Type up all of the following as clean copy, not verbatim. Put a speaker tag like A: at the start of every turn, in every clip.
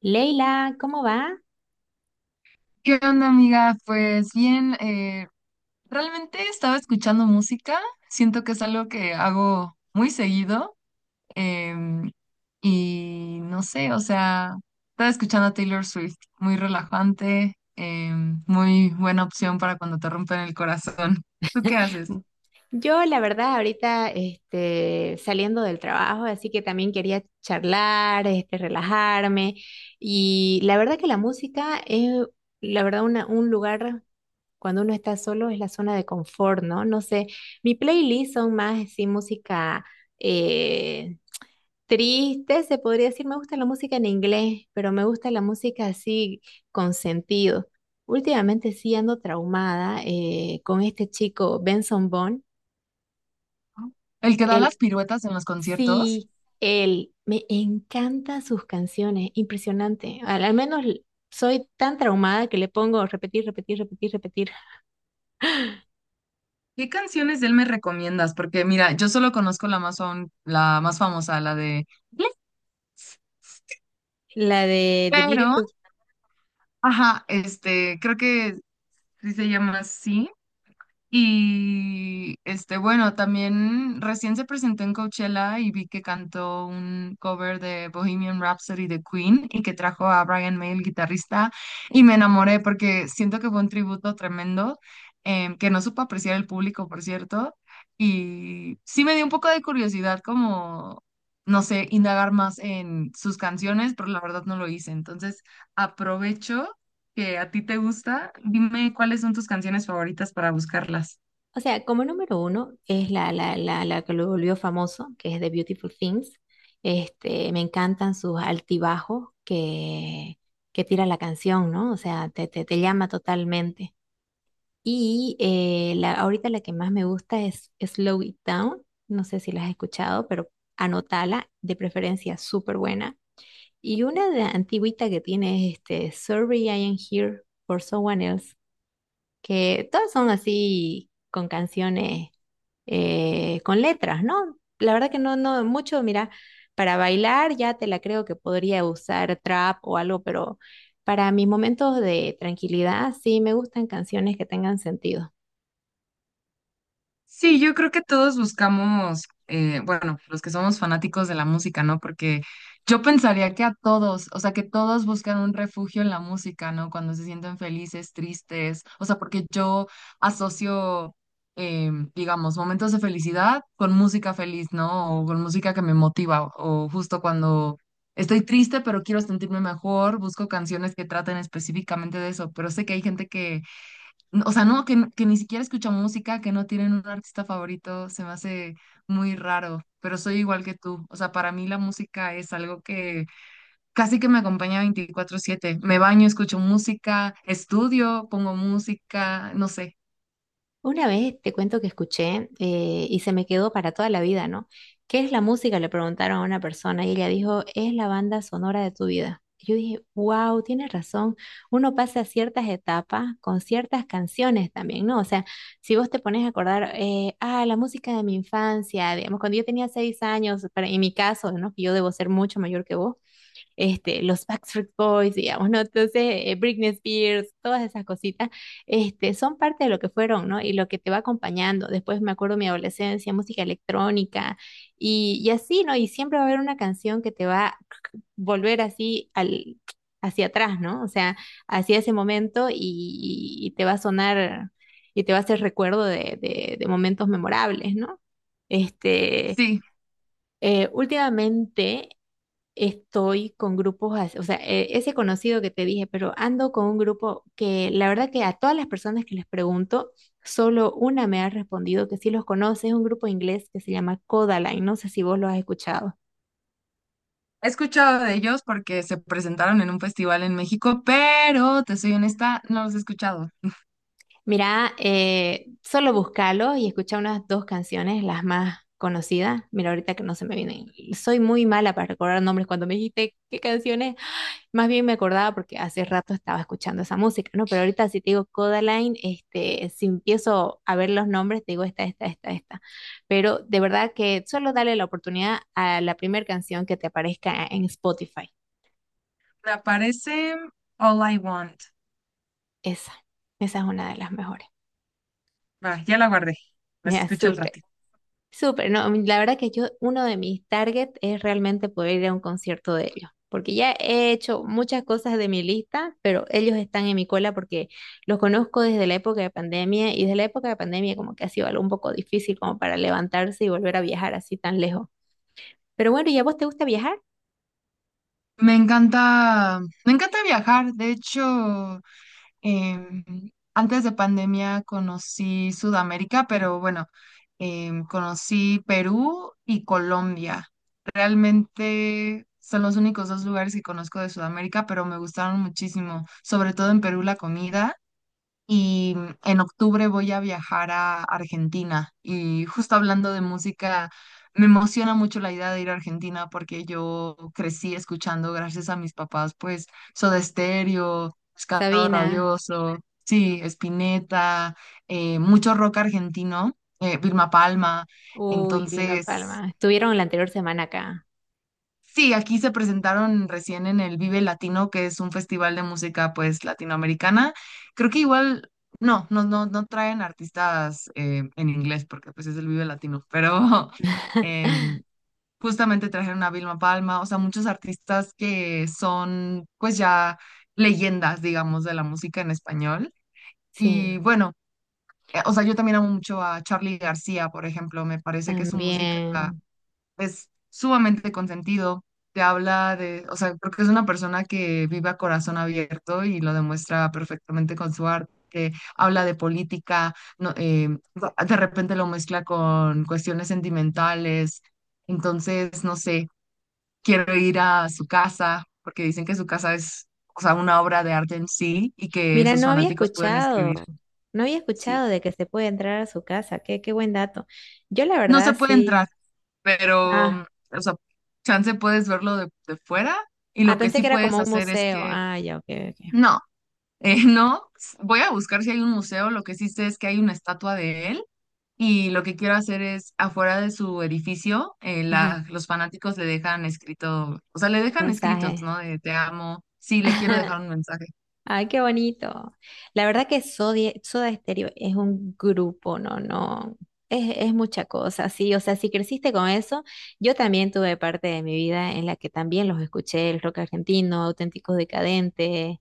A: Leila, ¿cómo va?
B: ¿Qué onda, amiga? Pues bien, realmente estaba escuchando música. Siento que es algo que hago muy seguido. em, y no sé, o sea, estaba escuchando a Taylor Swift. Muy relajante, muy buena opción para cuando te rompen el corazón. ¿Tú qué haces?
A: Yo, la verdad, ahorita saliendo del trabajo, así que también quería charlar, relajarme. Y la verdad que la música es, la verdad, un lugar cuando uno está solo es la zona de confort, ¿no? No sé, mi playlist son más así música eh, triste, se podría decir. Me gusta la música en inglés, pero me gusta la música así con sentido. Últimamente sí ando traumada, con este chico Benson Boone.
B: El que da las
A: Él,
B: piruetas en los conciertos.
A: sí, él, me encantan sus canciones, impresionante. Al menos soy tan traumada que le pongo repetir, repetir, repetir, repetir.
B: ¿Qué canciones de él me recomiendas? Porque mira, yo solo conozco la más, la más famosa, la de...
A: La de The
B: Pero,
A: Beautiful.
B: ajá, este, creo que sí, se llama así. Y este, bueno, también recién se presentó en Coachella y vi que cantó un cover de Bohemian Rhapsody de Queen y que trajo a Brian May, el guitarrista, y me enamoré porque siento que fue un tributo tremendo, que no supo apreciar el público, por cierto, y sí me dio un poco de curiosidad como, no sé, indagar más en sus canciones, pero la verdad no lo hice. Entonces, aprovecho que a ti te gusta, dime cuáles son tus canciones favoritas para buscarlas.
A: O sea, como número uno es la que lo volvió famoso, que es The Beautiful Things. Me encantan sus altibajos, que tira la canción, ¿no? O sea, te llama totalmente. Y ahorita la que más me gusta es Slow It Down. No sé si la has escuchado, pero anótala, de preferencia, súper buena. Y una de antigüita que tiene es Sorry I Am Here for Someone Else, que todas son así con canciones con letras, ¿no? La verdad que no, no mucho, mira, para bailar ya te la creo que podría usar trap o algo, pero para mis momentos de tranquilidad sí me gustan canciones que tengan sentido.
B: Sí, yo creo que todos buscamos, bueno, los que somos fanáticos de la música, ¿no? Porque yo pensaría que a todos, o sea, que todos buscan un refugio en la música, ¿no? Cuando se sienten felices, tristes, o sea, porque yo asocio, digamos, momentos de felicidad con música feliz, ¿no? O con música que me motiva, o justo cuando estoy triste, pero quiero sentirme mejor, busco canciones que traten específicamente de eso, pero sé que hay gente que o sea, no, que ni siquiera escuchan música, que no tienen un artista favorito, se me hace muy raro, pero soy igual que tú. O sea, para mí la música es algo que casi que me acompaña 24/7. Me baño, escucho música, estudio, pongo música, no sé.
A: Una vez te cuento que escuché, y se me quedó para toda la vida, ¿no? ¿Qué es la música? Le preguntaron a una persona y ella dijo, es la banda sonora de tu vida. Yo dije, wow, tienes razón. Uno pasa ciertas etapas con ciertas canciones también, ¿no? O sea, si vos te pones a acordar, la música de mi infancia, digamos, cuando yo tenía seis años, para, en mi caso, ¿no? Que yo debo ser mucho mayor que vos. Los Backstreet Boys, digamos, ¿no? Entonces, Britney Spears, todas esas cositas. Son parte de lo que fueron, ¿no? Y lo que te va acompañando. Después me acuerdo mi adolescencia, música electrónica y así, ¿no? Y siempre va a haber una canción que te va a volver así hacia atrás, ¿no? O sea, hacia ese momento y te va a sonar y te va a hacer recuerdo de momentos memorables, ¿no? Este,
B: Sí,
A: últimamente estoy con grupos, o sea, ese conocido que te dije, pero ando con un grupo que, la verdad, que a todas las personas que les pregunto, solo una me ha respondido que sí los conoce. Es un grupo inglés que se llama Codaline, no sé si vos lo has escuchado.
B: he escuchado de ellos porque se presentaron en un festival en México, pero te soy honesta, no los he escuchado.
A: Mira, solo búscalo y escucha unas dos canciones, las más conocidas. Mira, ahorita que no se me vienen, soy muy mala para recordar nombres cuando me dijiste qué canciones. Más bien me acordaba porque hace rato estaba escuchando esa música, ¿no? Pero ahorita si te digo Codaline, si empiezo a ver los nombres, te digo esta, esta, esta, esta. Pero de verdad que solo dale la oportunidad a la primera canción que te aparezca en Spotify.
B: Me aparece All I Want.
A: Esa, esa es una de las mejores.
B: Va, ya la guardé. La
A: Ya,
B: escucho al
A: súper.
B: ratito.
A: Súper, no, la verdad que yo, uno de mis targets es realmente poder ir a un concierto de ellos, porque ya he hecho muchas cosas de mi lista, pero ellos están en mi cola porque los conozco desde la época de pandemia, y desde la época de pandemia como que ha sido algo un poco difícil como para levantarse y volver a viajar así tan lejos. Pero bueno, ¿y a vos te gusta viajar?
B: Me encanta viajar. De hecho, em, antes de pandemia conocí Sudamérica, pero bueno, conocí Perú y Colombia. Realmente son los únicos dos lugares que conozco de Sudamérica, pero me gustaron muchísimo, sobre todo en Perú la comida. Y mm, en octubre voy a viajar a Argentina. Y justo hablando de música, me emociona mucho la idea de ir a Argentina porque yo crecí escuchando, gracias a mis papás, pues Soda Stereo, Pescado
A: Sabina,
B: Rabioso, sí, Spinetta, mucho rock argentino, Vilma Palma.
A: uy, Vilma
B: Entonces,
A: Palma, estuvieron la anterior semana acá.
B: sí, aquí se presentaron recién en el Vive Latino, que es un festival de música pues latinoamericana. Creo que igual, no traen artistas en inglés porque pues es el Vive Latino, pero em, justamente trajeron a Vilma Palma, o sea, muchos artistas que son pues ya leyendas, digamos, de la música en español.
A: Sí,
B: Y bueno, o sea, yo también amo mucho a Charly García, por ejemplo, me parece que su música
A: también.
B: es sumamente consentido, te habla de, o sea, creo que es una persona que vive a corazón abierto y lo demuestra perfectamente con su arte. Habla de política, no, de repente lo mezcla con cuestiones sentimentales, entonces, no sé, quiero ir a su casa, porque dicen que su casa es, o sea, una obra de arte en sí y que
A: Mira,
B: sus
A: no había
B: fanáticos pueden escribir.
A: escuchado, no había
B: Sí,
A: escuchado de que se puede entrar a su casa. Qué, qué buen dato. Yo la
B: no se
A: verdad
B: puede
A: sí.
B: entrar, pero,
A: Ah,
B: o sea, chance puedes verlo de fuera y
A: ah,
B: lo que
A: pensé
B: sí
A: que era
B: puedes
A: como un
B: hacer es
A: museo.
B: que,
A: Ah, ya, ok, ok.
B: no, no, voy a buscar si hay un museo, lo que sí sé es que hay una estatua de él y lo que quiero hacer es afuera de su edificio,
A: Ajá,
B: los fanáticos le dejan escrito, o sea, le
A: un
B: dejan escritos,
A: mensaje.
B: ¿no? De te amo, sí, le quiero dejar un mensaje.
A: Ay, qué bonito. La verdad que Soda Stereo es un grupo, no, no, es mucha cosa, sí. O sea, si creciste con eso, yo también tuve parte de mi vida en la que también los escuché, el rock argentino, Auténticos Decadentes,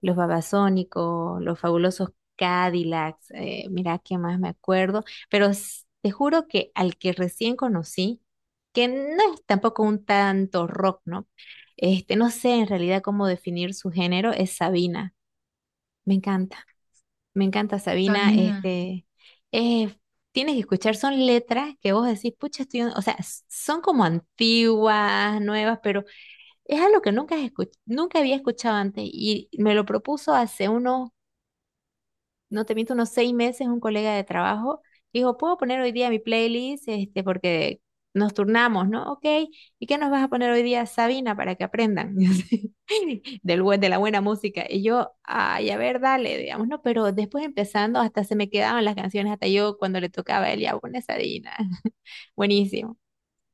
A: los Babasónicos, los Fabulosos Cadillacs, mira qué más me acuerdo. Pero te juro que al que recién conocí, que no es tampoco un tanto rock, ¿no? No sé en realidad cómo definir su género, es Sabina. Me encanta, me encanta Sabina.
B: Sabina,
A: Eh, tienes que escuchar, son letras que vos decís, pucha, estoy, o sea, son como antiguas, nuevas, pero es algo que nunca, nunca había escuchado antes, y me lo propuso hace unos, no te miento, unos seis meses, un colega de trabajo. Dijo, ¿puedo poner hoy día mi playlist? Porque nos turnamos, ¿no? Ok, ¿y qué nos vas a poner hoy día, Sabina, para que aprendan y así, de la buena música? Y yo, ay, a ver, dale, digamos, ¿no? Pero después empezando, hasta se me quedaban las canciones, hasta yo cuando le tocaba a él, ya pon esa Dina. Buenísimo.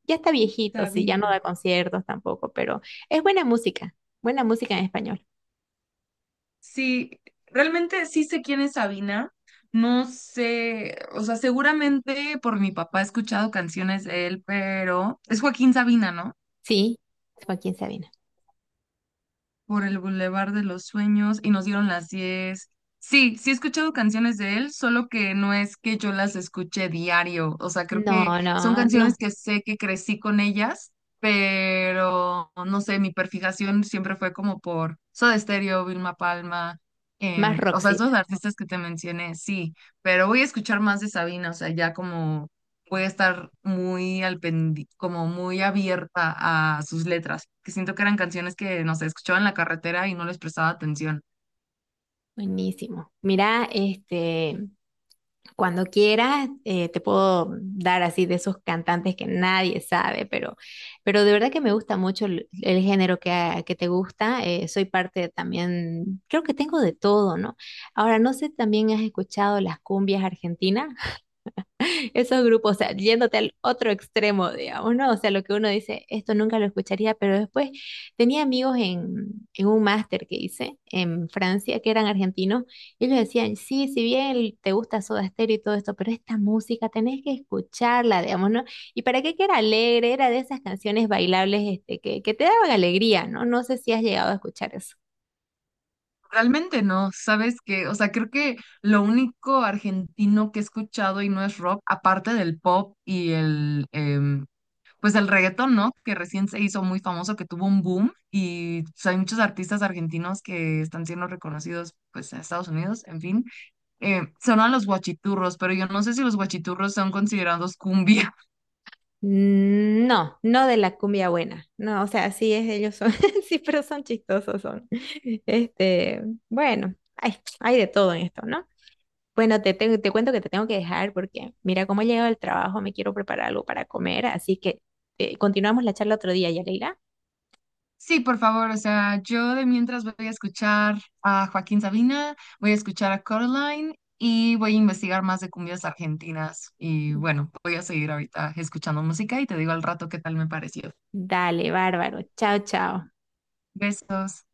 A: Ya está viejito, sí, ya no da
B: Sabina.
A: conciertos tampoco, pero es buena música en español.
B: Sí, realmente sí sé quién es Sabina. No sé, o sea, seguramente por mi papá he escuchado canciones de él, pero es Joaquín Sabina, ¿no?
A: Sí, Joaquín Sabina.
B: Por el Boulevard de los Sueños y nos dieron las 10. Sí, sí he escuchado canciones de él, solo que no es que yo las escuche diario. O sea, creo que
A: No,
B: son
A: no, no.
B: canciones que sé que crecí con ellas, pero no sé, mi perfijación siempre fue como por Soda Stereo, Vilma Palma.
A: Más
B: O sea,
A: Roxit,
B: esos artistas que te mencioné, sí, pero voy a escuchar más de Sabina, o sea, ya como voy a estar muy como muy abierta a sus letras, que siento que eran canciones que, no sé, escuchaba en la carretera y no les prestaba atención.
A: buenísimo. Mira, cuando quieras, te puedo dar así de esos cantantes que nadie sabe, pero de verdad que me gusta mucho el género que te gusta. Eh, soy parte también, creo que tengo de todo, ¿no? Ahora, no sé, ¿también has escuchado las cumbias argentinas? Esos grupos, o sea, yéndote al otro extremo, digamos, ¿no? O sea, lo que uno dice, esto nunca lo escucharía, pero después tenía amigos en un máster que hice en Francia, que eran argentinos, y ellos decían, sí, si bien te gusta Soda Stereo y todo esto, pero esta música tenés que escucharla, digamos, ¿no? ¿Y para qué que era alegre? Era de esas canciones bailables, que te daban alegría, ¿no? No sé si has llegado a escuchar eso.
B: Realmente no, ¿sabes qué? O sea, creo que lo único argentino que he escuchado y no es rock, aparte del pop y el, pues el reggaetón, ¿no? Que recién se hizo muy famoso, que tuvo un boom y pues, hay muchos artistas argentinos que están siendo reconocidos, pues, en Estados Unidos, en fin. Sonan los guachiturros, pero yo no sé si los guachiturros son considerados cumbia.
A: Mm, no, no de la cumbia buena. No, o sea, sí es, ellos son, sí, pero son chistosos, son. Este, bueno, hay, hay de todo en esto, ¿no? Bueno, te cuento que te tengo que dejar porque mira cómo he llegado del trabajo, me quiero preparar algo para comer, así que, continuamos la charla otro día, Yareira.
B: Sí, por favor, o sea, yo de mientras voy a escuchar a Joaquín Sabina, voy a escuchar a Coraline y voy a investigar más de cumbias argentinas. Y bueno, voy a seguir ahorita escuchando música y te digo al rato qué tal me pareció.
A: Dale, bárbaro. Chao, chao.
B: Besos.